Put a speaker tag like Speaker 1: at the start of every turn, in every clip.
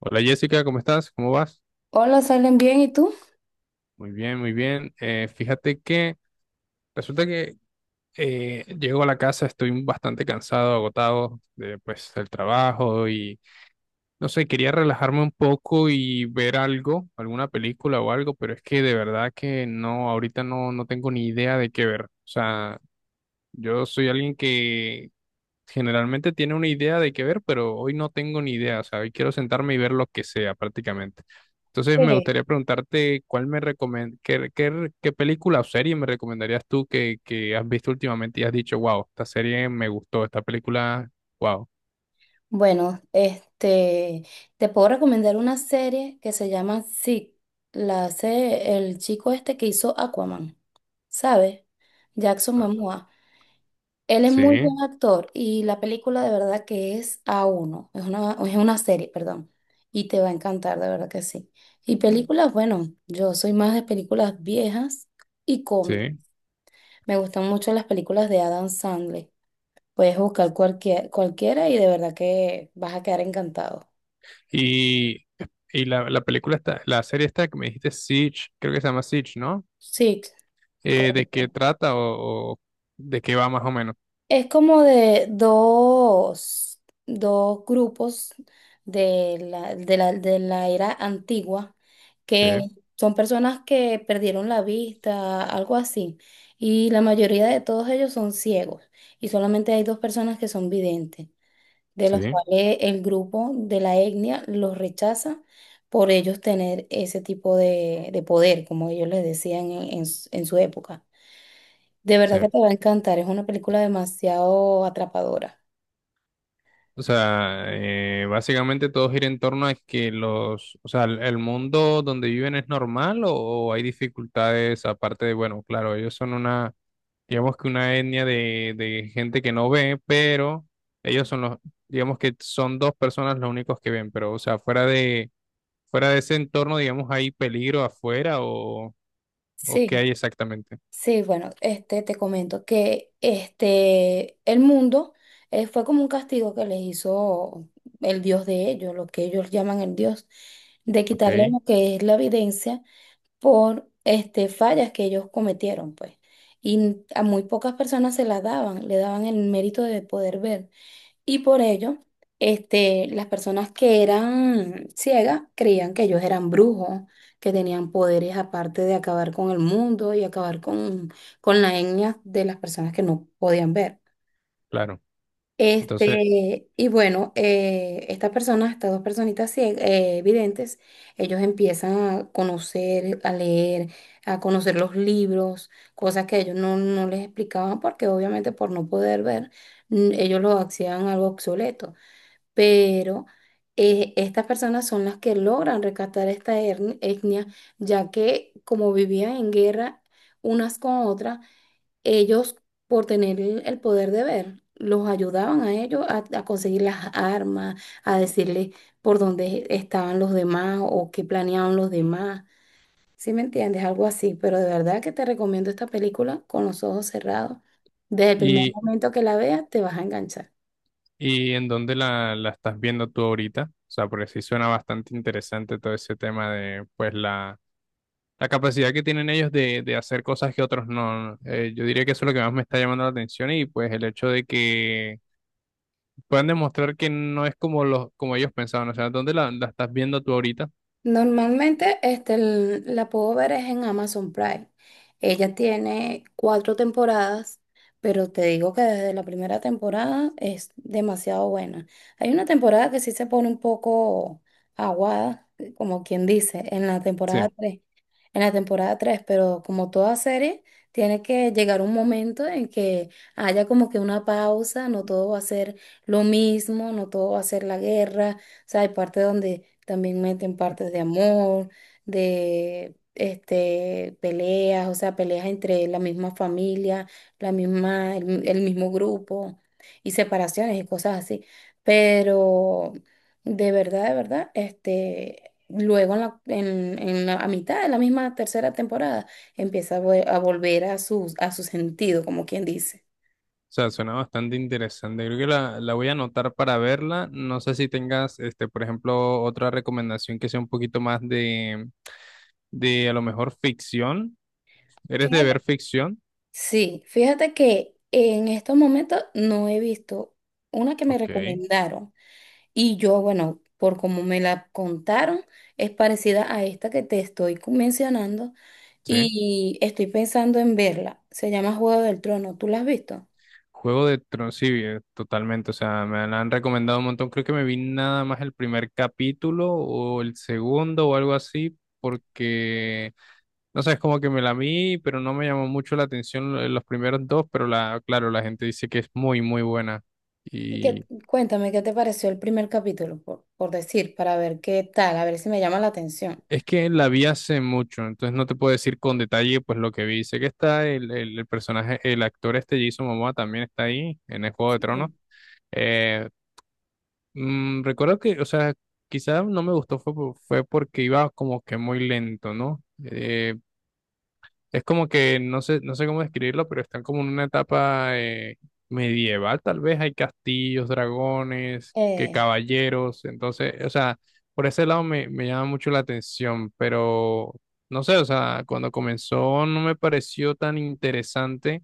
Speaker 1: Hola Jessica, ¿cómo estás? ¿Cómo vas?
Speaker 2: Hola, ¿salen bien? ¿Y tú?
Speaker 1: Muy bien, muy bien. Fíjate que resulta que llego a la casa, estoy bastante cansado, agotado de, pues, del trabajo y no sé, quería relajarme un poco y ver algo, alguna película o algo, pero es que de verdad que no, ahorita no, no tengo ni idea de qué ver. O sea, yo soy alguien que generalmente tiene una idea de qué ver, pero hoy no tengo ni idea, o sea, hoy quiero sentarme y ver lo que sea prácticamente. Entonces me
Speaker 2: Sí.
Speaker 1: gustaría preguntarte qué, qué película o serie me recomendarías tú que has visto últimamente y has dicho, wow, esta serie me gustó, esta película, wow.
Speaker 2: Bueno, te puedo recomendar una serie que se llama Zig. La hace el chico este que hizo Aquaman, ¿sabes? Jackson
Speaker 1: Ah,
Speaker 2: Momoa. Él es muy
Speaker 1: sí,
Speaker 2: buen actor y la película de verdad que es a uno. Es una serie, perdón. Y te va a encantar, de verdad que sí. Y películas, bueno, yo soy más de películas viejas y cómic.
Speaker 1: sí.
Speaker 2: Me gustan mucho las películas de Adam Sandler. Puedes buscar cualquiera y de verdad que vas a quedar encantado.
Speaker 1: Y, y la película está, la serie esta que me dijiste Siege, creo que se llama Siege, ¿no?
Speaker 2: Sí,
Speaker 1: ¿De qué
Speaker 2: correcto.
Speaker 1: trata o de qué va más o menos?
Speaker 2: Es como de dos grupos de la era antigua
Speaker 1: Sí,
Speaker 2: que son personas que perdieron la vista, algo así. Y la mayoría de todos ellos son ciegos y solamente hay dos personas que son videntes, de los
Speaker 1: sí,
Speaker 2: cuales el grupo de la etnia los rechaza por ellos tener ese tipo de poder, como ellos les decían en su época. De
Speaker 1: sí.
Speaker 2: verdad que te va a encantar, es una película demasiado atrapadora.
Speaker 1: O sea, básicamente todo gira en torno a que los, o sea, el mundo donde viven es normal o hay dificultades aparte de, bueno, claro, ellos son una, digamos que una etnia de gente que no ve, pero ellos son los, digamos que son dos personas los únicos que ven, pero, o sea, fuera de ese entorno, digamos, hay peligro afuera o qué
Speaker 2: Sí.
Speaker 1: hay exactamente.
Speaker 2: Sí, bueno, te comento que el mundo fue como un castigo que les hizo el Dios de ellos, lo que ellos llaman el Dios, de
Speaker 1: Ok,
Speaker 2: quitarle lo que es la evidencia por fallas que ellos cometieron, pues. Y a muy pocas personas se las daban, le daban el mérito de poder ver. Y por ello, las personas que eran ciegas creían que ellos eran brujos, que tenían poderes aparte de acabar con el mundo y acabar con la etnia de las personas que no podían ver.
Speaker 1: claro. Entonces,
Speaker 2: Y bueno, estas personas, estas dos personitas videntes, ellos empiezan a conocer, a leer, a conocer los libros, cosas que ellos no les explicaban porque obviamente por no poder ver, ellos lo hacían algo obsoleto, pero estas personas son las que logran rescatar esta etnia, ya que como vivían en guerra unas con otras, ellos por tener el poder de ver, los ayudaban a ellos a conseguir las armas, a decirles por dónde estaban los demás o qué planeaban los demás. ¿Sí me entiendes? Algo así, pero de verdad que te recomiendo esta película con los ojos cerrados. Desde el primer momento que la veas, te vas a enganchar.
Speaker 1: ¿y en dónde la estás viendo tú ahorita? O sea, porque sí suena bastante interesante todo ese tema de, pues, la capacidad que tienen ellos de hacer cosas que otros no. Yo diría que eso es lo que más me está llamando la atención y, pues, el hecho de que puedan demostrar que no es como los, como ellos pensaban. O sea, ¿dónde la estás viendo tú ahorita?
Speaker 2: Normalmente la puedo ver es en Amazon Prime. Ella tiene cuatro temporadas, pero te digo que desde la primera temporada es demasiado buena. Hay una temporada que sí se pone un poco aguada, como quien dice,
Speaker 1: Sí.
Speaker 2: en la temporada tres, pero como toda serie, tiene que llegar un momento en que haya como que una pausa, no todo va a ser lo mismo, no todo va a ser la guerra. O sea, hay partes donde también meten partes de amor, de peleas, o sea, peleas entre la misma familia, el mismo grupo, y separaciones y cosas así. Pero de verdad, luego en la- a mitad de la misma tercera temporada empieza a volver a su sentido, como quien dice.
Speaker 1: O sea, suena bastante interesante. Creo que la voy a anotar para verla. No sé si tengas, este, por ejemplo, otra recomendación que sea un poquito más de a lo mejor ficción. ¿Eres de ver
Speaker 2: Fíjate
Speaker 1: ficción?
Speaker 2: Sí, fíjate que en estos momentos no he visto una que me
Speaker 1: Ok.
Speaker 2: recomendaron y yo, bueno, por como me la contaron, es parecida a esta que te estoy mencionando
Speaker 1: Sí.
Speaker 2: y estoy pensando en verla. Se llama Juego del Trono, ¿tú la has visto?
Speaker 1: Juego de Tronos, sí, totalmente. O sea, me la han recomendado un montón. Creo que me vi nada más el primer capítulo o el segundo o algo así, porque, no sé, es como que me la vi, pero no me llamó mucho la atención los primeros dos, pero la, claro, la gente dice que es muy, muy buena.
Speaker 2: Y
Speaker 1: Y
Speaker 2: cuéntame qué te pareció el primer capítulo, por decir, para ver qué tal, a ver si me llama la atención.
Speaker 1: es que la vi hace mucho, entonces no te puedo decir con detalle pues lo que vi. Sé que está el personaje, el actor este Jason Momoa también está ahí en el Juego de Tronos.
Speaker 2: Sí.
Speaker 1: Eh, Mm, recuerdo que, o sea, quizá no me gustó fue, por- fue porque iba como que muy lento, ¿no? Es como que no sé, no sé cómo describirlo, pero están como en una etapa medieval, tal vez hay castillos, dragones, que caballeros, entonces, o sea, por ese lado me, me llama mucho la atención, pero no sé, o sea, cuando comenzó no me pareció tan interesante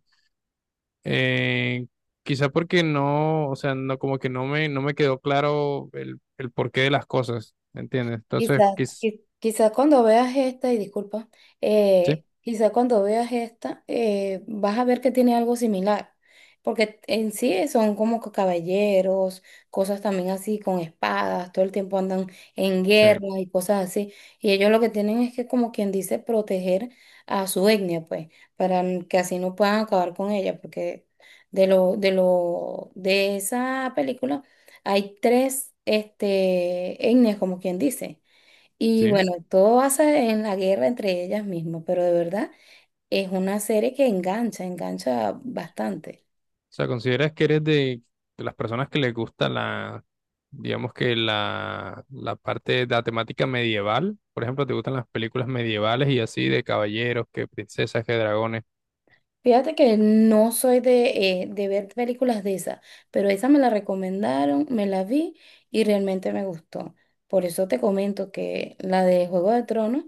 Speaker 1: eh, quizá porque no, o sea, no como que no me, no me quedó claro el porqué de las cosas, ¿me ¿entiendes?
Speaker 2: Quizás, quizás cuando veas esta, y disculpa,
Speaker 1: Sí,
Speaker 2: quizás cuando veas esta, vas a ver que tiene algo similar, porque en sí son como que caballeros, cosas también así con espadas, todo el tiempo andan en
Speaker 1: sí,
Speaker 2: guerra y cosas así, y ellos lo que tienen es que como quien dice proteger a su etnia, pues, para que así no puedan acabar con ella, porque de esa película hay tres, etnias, como quien dice. Y
Speaker 1: sí. O
Speaker 2: bueno, todo basa en la guerra entre ellas mismas, pero de verdad es una serie que engancha bastante.
Speaker 1: sea, ¿consideras que eres de las personas que les gusta la, digamos que la parte de la temática medieval? Por ejemplo, ¿te gustan las películas medievales y así de caballeros, que princesas, que dragones?
Speaker 2: Fíjate que no soy de ver películas de esas, pero esa me la recomendaron, me la vi y realmente me gustó. Por eso te comento que la de Juego de Tronos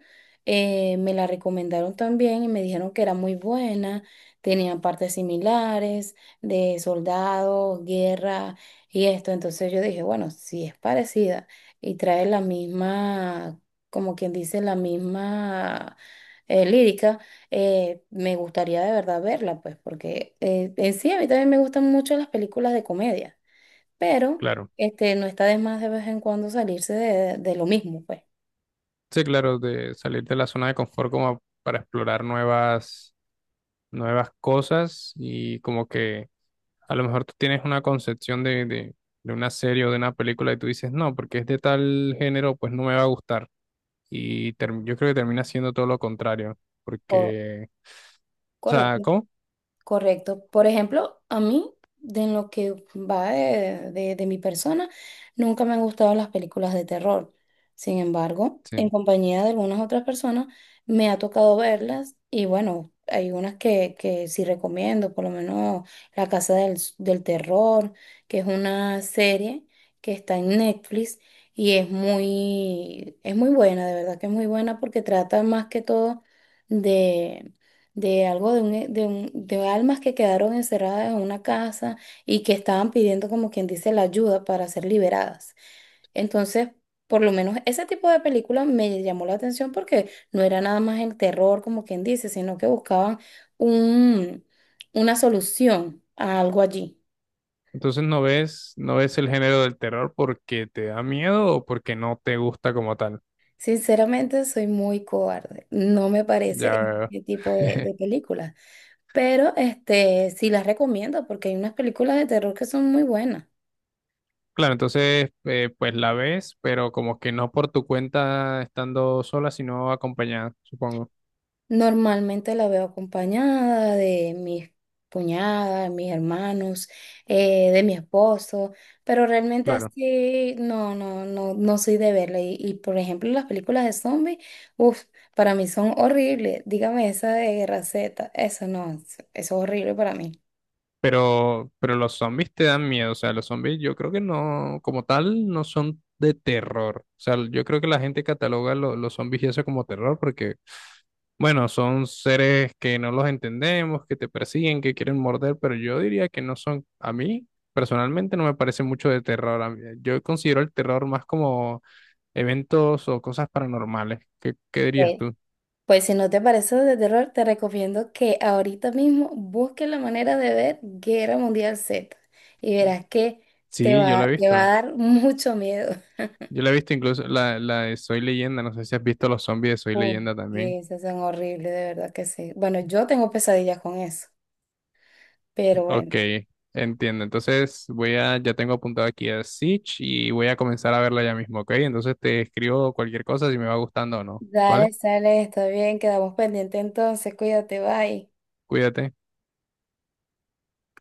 Speaker 2: me la recomendaron también y me dijeron que era muy buena, tenía partes similares de soldados, guerra y esto. Entonces yo dije, bueno, si es parecida y trae la misma, como quien dice, la misma lírica, me gustaría de verdad verla, pues, porque en sí a mí también me gustan mucho las películas de comedia, pero
Speaker 1: Claro.
Speaker 2: no está de más de vez en cuando salirse de lo mismo, pues.
Speaker 1: Sí, claro, de salir de la zona de confort como para explorar nuevas, nuevas cosas y como que a lo mejor tú tienes una concepción de una serie o de una película y tú dices, no, porque es de tal género, pues no me va a gustar. Y yo creo que termina siendo todo lo contrario,
Speaker 2: O-
Speaker 1: porque, o sea,
Speaker 2: Correcto.
Speaker 1: ¿cómo?
Speaker 2: Correcto. Por ejemplo, a mí, de en lo que va de mi persona, nunca me han gustado las películas de terror. Sin embargo, en
Speaker 1: Sí.
Speaker 2: compañía de algunas otras personas, me ha tocado verlas y bueno, hay unas que sí recomiendo, por lo menos La Casa del Terror, que es una serie que está en Netflix y es muy buena, de verdad que es muy buena porque trata más que todo de algo de, un, e- de, un- de almas que quedaron encerradas en una casa y que estaban pidiendo, como quien dice, la ayuda para ser liberadas. Entonces, por lo menos ese tipo de película me llamó la atención porque no era nada más el terror, como quien dice, sino que buscaban un, una solución a algo allí.
Speaker 1: Entonces no ves, no ves el género del terror porque te da miedo o porque no te gusta como tal.
Speaker 2: Sinceramente, soy muy cobarde. No me parece
Speaker 1: Ya,
Speaker 2: este tipo de películas. Pero sí las recomiendo porque hay unas películas de terror que son muy buenas.
Speaker 1: claro, entonces pues la ves, pero como que no por tu cuenta estando sola, sino acompañada, supongo.
Speaker 2: Normalmente la veo acompañada de mis cuñadas, de mis hermanos, de mi esposo, pero realmente
Speaker 1: Claro.
Speaker 2: así no soy de verla. Y, por ejemplo, las películas de zombies, uff, para mí son horribles. Dígame esa de Raceta, eso no, eso es horrible para mí.
Speaker 1: Pero los zombies te dan miedo, o sea, los zombies yo creo que no, como tal, no son de terror. O sea, yo creo que la gente cataloga los zombies y eso como terror porque, bueno, son seres que no los entendemos, que te persiguen, que quieren morder, pero yo diría que no son, a mí personalmente no me parece mucho de terror. Yo considero el terror más como eventos o cosas paranormales. ¿Qué, qué dirías
Speaker 2: Eh,
Speaker 1: tú?
Speaker 2: Pues si no te parece de terror, te recomiendo que ahorita mismo busques la manera de ver Guerra Mundial Z y verás que te
Speaker 1: Sí, yo la he
Speaker 2: va, te va a
Speaker 1: visto.
Speaker 2: dar mucho miedo.
Speaker 1: Yo la he visto, incluso la, la de Soy Leyenda, no sé si has visto los zombies de Soy
Speaker 2: Oh.
Speaker 1: Leyenda
Speaker 2: Y
Speaker 1: también.
Speaker 2: esas son horribles, de verdad que sí. Bueno, yo tengo pesadillas con eso, pero bueno.
Speaker 1: Ok, entiendo. Entonces voy a, ya tengo apuntado aquí a Siege y voy a comenzar a verla ya mismo, ¿ok? Entonces te escribo cualquier cosa si me va gustando o no, ¿vale?
Speaker 2: Dale, sale, está bien, quedamos pendientes entonces, cuídate, bye.
Speaker 1: Cuídate.